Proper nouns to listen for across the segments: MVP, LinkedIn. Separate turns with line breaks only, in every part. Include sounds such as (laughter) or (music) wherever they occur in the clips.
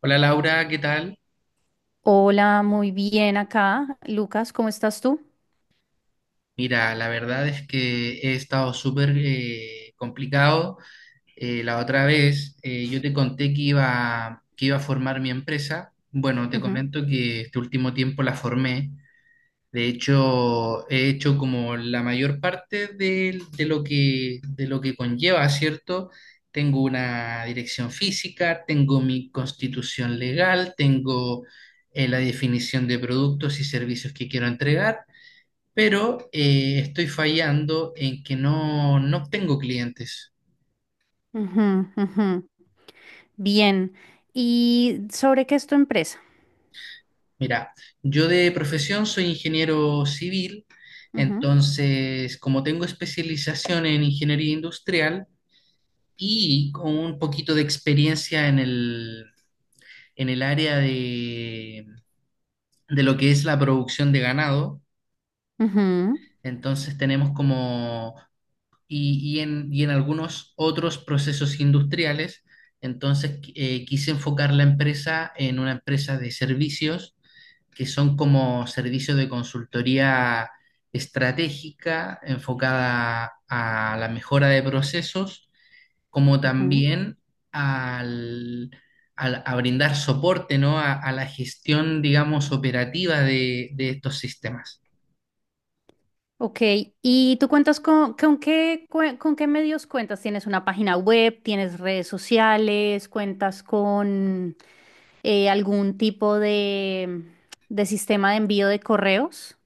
Hola Laura, ¿qué tal?
Hola, muy bien acá. Lucas, ¿cómo estás tú?
Mira, la verdad es que he estado súper complicado. La otra vez yo te conté que iba a formar mi empresa. Bueno, te
Ujú,
comento que este último tiempo la formé. De hecho, he hecho como la mayor parte de lo que conlleva, ¿cierto? Tengo una dirección física, tengo mi constitución legal, tengo la definición de productos y servicios que quiero entregar. Pero estoy fallando en que no obtengo clientes.
ujú, ujú. Bien. ¿Y sobre qué es tu empresa?
Mira, yo de profesión soy ingeniero civil,
Ujú,
entonces como tengo especialización en ingeniería industrial y con un poquito de experiencia en el área de lo que es la producción de ganado,
ujú,
entonces tenemos como y en algunos otros procesos industriales. Entonces, quise enfocar la empresa en una empresa de servicios, que son como servicios de consultoría estratégica enfocada a la mejora de procesos, como
ujú.
también al, a brindar soporte, ¿no? A la gestión, digamos, operativa de estos sistemas.
Ok, ¿y tú cuentas con qué, cue- con qué medios cuentas? ¿Tienes una página web? ¿Tienes redes sociales? ¿Cuentas con algún tipo de sistema de envío de correos?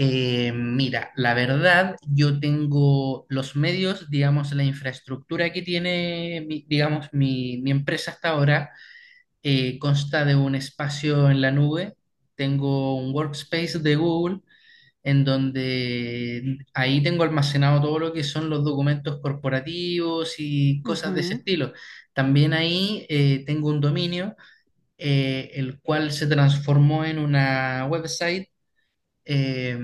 Mira, la verdad, yo tengo los medios, digamos, la infraestructura que tiene, digamos, mi empresa hasta ahora, consta de un espacio en la nube. Tengo un workspace de Google en donde ahí tengo almacenado todo lo que son los documentos corporativos y cosas de ese
Ujú.
estilo. También ahí tengo un dominio, el cual se transformó en una website, eh,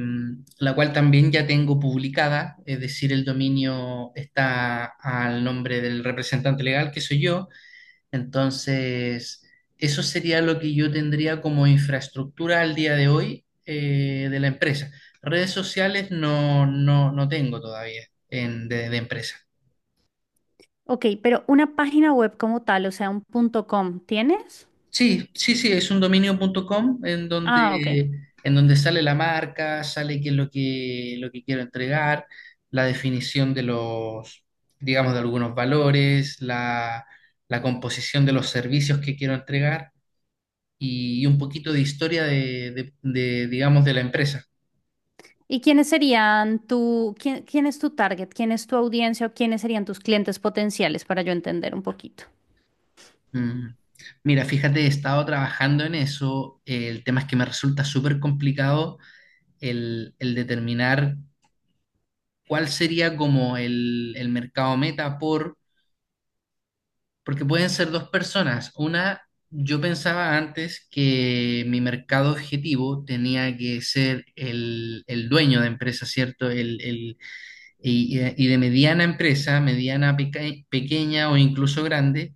la cual también ya tengo publicada, es decir, el dominio está al nombre del representante legal, que soy yo. Entonces, eso sería lo que yo tendría como infraestructura al día de hoy de la empresa. Redes sociales no, no tengo todavía de empresa.
Ok, pero una página web como tal, o sea, un punto .com, ¿tienes?
Sí, sí, sí, es un dominio.com
Ah, ok.
en donde sale la marca, sale qué es lo que quiero entregar, la definición de los, digamos, de algunos valores, la composición de los servicios que quiero entregar y un poquito de historia de, digamos, de la empresa.
¿Y quiénes serían tu, quién, quién es tu target? ¿Quién es tu audiencia o quiénes serían tus clientes potenciales para yo entender un poquito?
Mm. Mira, fíjate, he estado trabajando en eso. El tema es que me resulta súper complicado el determinar ¿cuál sería como el mercado meta? Porque pueden ser dos personas. Una, yo pensaba antes que mi mercado objetivo tenía que ser el dueño de empresa, ¿cierto? Y, y de mediana empresa, mediana, pequeña o incluso grande,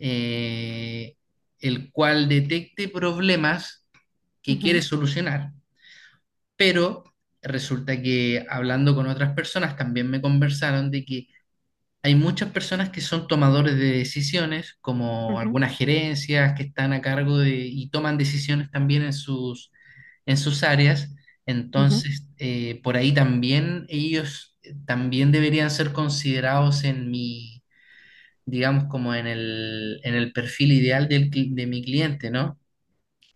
eh, el cual detecte problemas que quiere
Ujú,
solucionar, pero... resulta que hablando con otras personas también me conversaron de que hay muchas personas que son tomadores de decisiones, como
ujú,
algunas gerencias que están a cargo de y toman decisiones también en sus áreas.
ujú.
Entonces, por ahí también ellos también deberían ser considerados en mi, digamos, como en el perfil ideal de mi cliente, ¿no?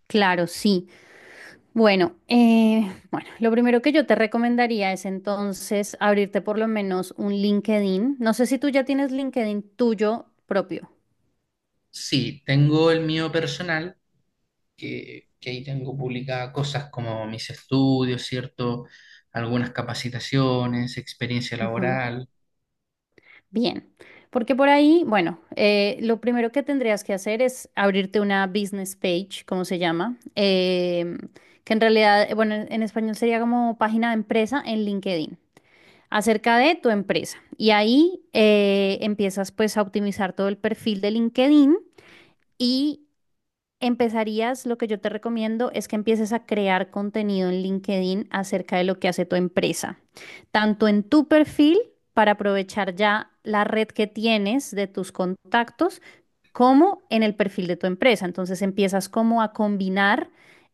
Claro, sí. Bueno, bueno, lo primero que yo te recomendaría es entonces abrirte por lo menos un LinkedIn. No sé si tú ya tienes LinkedIn tuyo propio.
Sí, tengo el mío personal que ahí tengo publicadas cosas como mis estudios, ¿cierto? Algunas capacitaciones, experiencia laboral.
Bien, porque por ahí, bueno, lo primero que tendrías que hacer es abrirte una business page, como se llama, que en realidad, bueno, en español sería como página de empresa en LinkedIn, acerca de tu empresa. Y ahí empiezas pues a optimizar todo el perfil de LinkedIn. Y empezarías, lo que yo te recomiendo es que empieces a crear contenido en LinkedIn acerca de lo que hace tu empresa, tanto en tu perfil para aprovechar ya la red que tienes de tus contactos, como en el perfil de tu empresa. Entonces empiezas como a combinar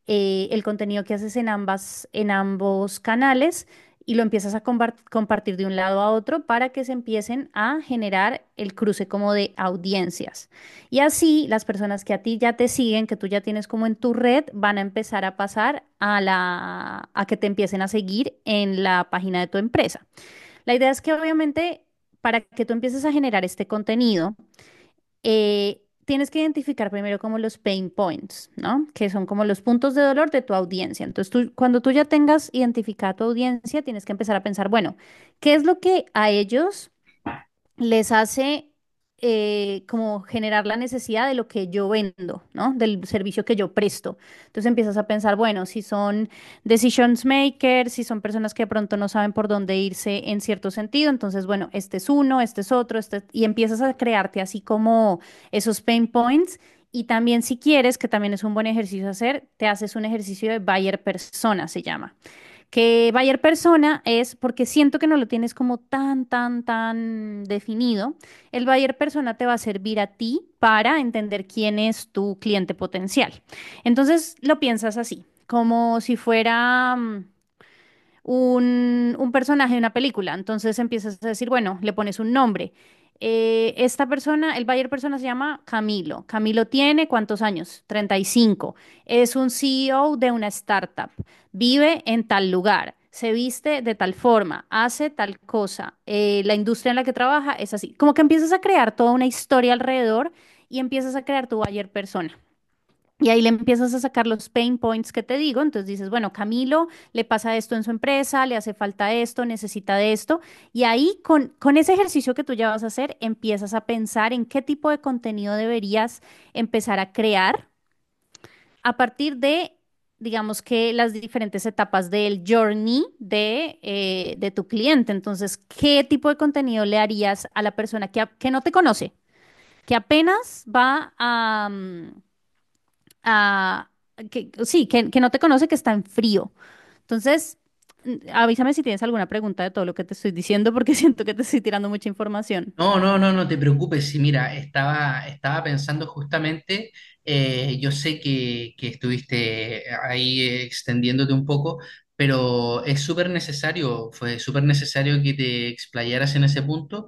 el contenido que haces en ambas, en ambos canales y lo empiezas a compartir de un lado a otro para que se empiecen a generar el cruce como de audiencias. Y así las personas que a ti ya te siguen, que tú ya tienes como en tu red, van a empezar a pasar a la, a que te empiecen a seguir en la página de tu empresa. La idea es que obviamente para que tú empieces a generar este contenido, tienes que identificar primero como los pain points, ¿no? Que son como los puntos de dolor de tu audiencia. Entonces, tú, cuando tú ya tengas identificada tu audiencia, tienes que empezar a pensar, bueno, ¿qué es lo que a ellos les hace como generar la necesidad de lo que yo vendo, ¿no? Del servicio que yo presto. Entonces empiezas a pensar, bueno, si son decisions makers, si son personas que de pronto no saben por dónde irse en cierto sentido, entonces, bueno, este es uno, este es otro, este, y empiezas a crearte así como esos pain points. Y también si quieres, que también es un buen ejercicio hacer, te haces un ejercicio de buyer persona, se llama, que Bayer persona es porque siento que no lo tienes como tan, tan, tan definido. El Bayer persona te va a servir a ti para entender quién es tu cliente potencial. Entonces lo piensas así, como si fuera un personaje de una película. Entonces empiezas a decir, bueno, le pones un nombre. Esta persona, el buyer persona se llama Camilo. Camilo tiene ¿cuántos años? 35. Es un CEO de una startup. Vive en tal lugar. Se viste de tal forma, hace tal cosa, la industria en la que trabaja es así. Como que empiezas a crear toda una historia alrededor y empiezas a crear tu buyer persona. Y ahí le empiezas a sacar los pain points que te digo. Entonces dices, bueno, Camilo le pasa esto en su empresa, le hace falta esto, necesita de esto. Y ahí con ese ejercicio que tú ya vas a hacer, empiezas a pensar en qué tipo de contenido deberías empezar a crear a partir de, digamos que las diferentes etapas del journey de tu cliente. Entonces, ¿qué tipo de contenido le harías a la persona que, que no te conoce, que apenas va a... ah, que, sí, que no te conoce, que está en frío. Entonces, avísame si tienes alguna pregunta de todo lo que te estoy diciendo, porque (laughs) siento que te estoy tirando mucha información.
No, no, no, no te preocupes. Sí, mira, estaba pensando justamente, yo sé que estuviste ahí extendiéndote un poco, pero es súper necesario, fue súper necesario que te explayaras en ese punto,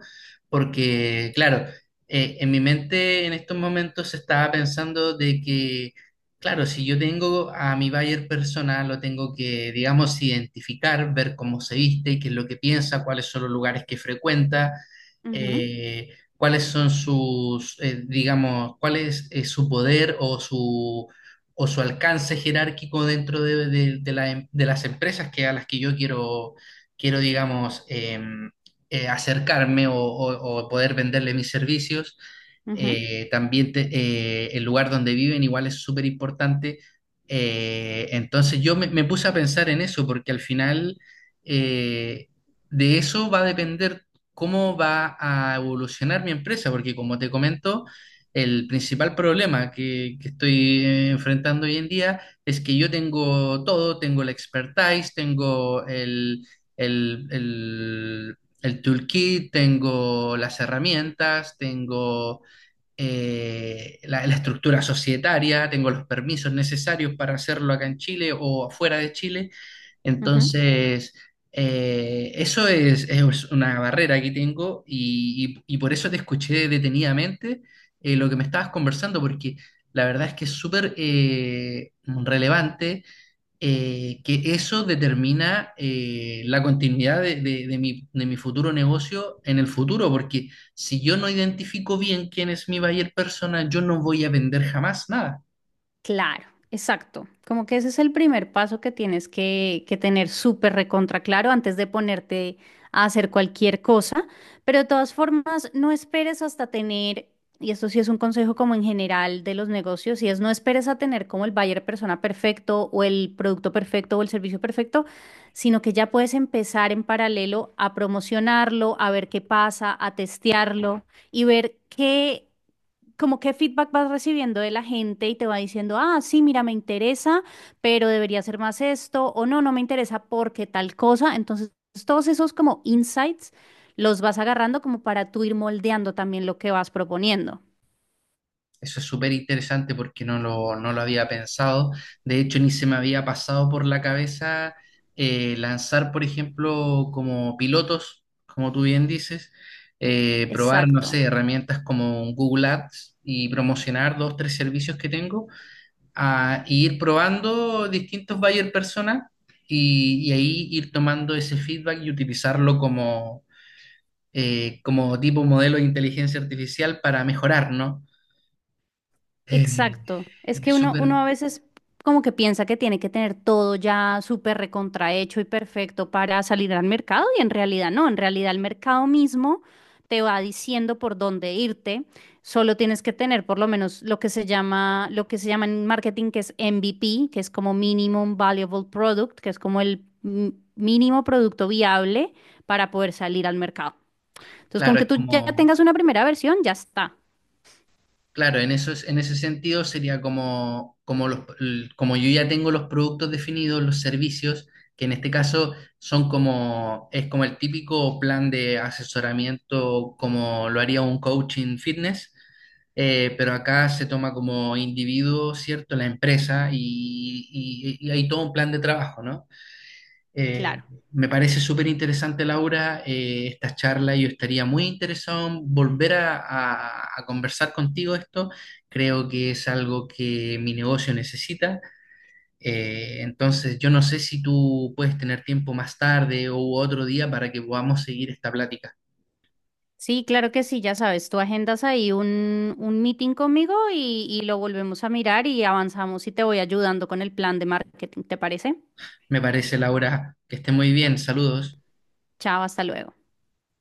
porque, claro, en mi mente en estos momentos estaba pensando de que, claro, si yo tengo a mi buyer personal, lo tengo que, digamos, identificar, ver cómo se viste, qué es lo que piensa, cuáles son los lugares que frecuenta,
Ujú,
eh, cuáles son sus, digamos, cuál es su poder o su alcance jerárquico dentro de de las empresas que, a las que yo quiero, quiero digamos, acercarme o poder venderle mis servicios.
ujú,
También el lugar donde viven igual es súper importante. Entonces yo me puse a pensar en eso porque al final eh, de eso va a depender cómo va a evolucionar mi empresa, porque como te comento, el principal problema que estoy enfrentando hoy en día es que yo tengo todo, tengo la expertise, tengo el, el, el toolkit, tengo las herramientas, tengo la, la estructura societaria, tengo los permisos necesarios para hacerlo acá en Chile o afuera de Chile.
ujú.
Entonces, eso es una barrera que tengo y por eso te escuché detenidamente lo que me estabas conversando, porque la verdad es que es súper relevante, que eso determina la continuidad de mi futuro negocio en el futuro, porque si yo no identifico bien quién es mi buyer persona, yo no voy a vender jamás nada.
Claro, exacto. Como que ese es el primer paso que tienes que tener súper recontra claro antes de ponerte a hacer cualquier cosa. Pero de todas formas, no esperes hasta tener, y esto sí es un consejo como en general de los negocios, y es no esperes a tener como el buyer persona perfecto o el producto perfecto o el servicio perfecto, sino que ya puedes empezar en paralelo a promocionarlo, a ver qué pasa, a testearlo y ver qué, como qué feedback vas recibiendo de la gente y te va diciendo, ah, sí, mira, me interesa, pero debería ser más esto, o no, no me interesa porque tal cosa. Entonces, todos esos como insights los vas agarrando como para tú ir moldeando también lo que vas proponiendo.
Eso es súper interesante porque no lo había pensado. De hecho, ni se me había pasado por la cabeza lanzar, por ejemplo, como pilotos, como tú bien dices, probar, no
Exacto.
sé, herramientas como un Google Ads y promocionar dos, tres servicios que tengo a ir probando distintos buyer personas y ahí ir tomando ese feedback y utilizarlo como, como tipo modelo de inteligencia artificial para mejorar, ¿no? Eh,
Exacto. Es
es
que uno,
súper,
uno a veces como que piensa que tiene que tener todo ya súper recontrahecho y perfecto para salir al mercado y en realidad no, en realidad el mercado mismo te va diciendo por dónde irte. Solo tienes que tener por lo menos lo que se llama, lo que se llama en marketing que es MVP, que es como Minimum Valuable Product, que es como el mínimo producto viable para poder salir al mercado. Entonces, con
claro,
que
es
tú ya
como
tengas una primera versión, ya está.
claro, en eso, en ese sentido sería como, como, los, como yo ya tengo los productos definidos, los servicios, que en este caso son como, es como el típico plan de asesoramiento como lo haría un coaching fitness, pero acá se toma como individuo, ¿cierto? La empresa y hay todo un plan de trabajo, ¿no? Eh,
Claro.
Me parece súper interesante, Laura, esta charla. Yo estaría muy interesado en volver a conversar contigo esto. Creo que es algo que mi negocio necesita. Entonces, yo no sé si tú puedes tener tiempo más tarde o otro día para que podamos seguir esta plática.
Sí, claro que sí, ya sabes, tú agendas ahí un meeting conmigo y lo volvemos a mirar y avanzamos y te voy ayudando con el plan de marketing, ¿te parece?
Me parece, Laura, que esté muy bien. Saludos.
Chao, hasta luego.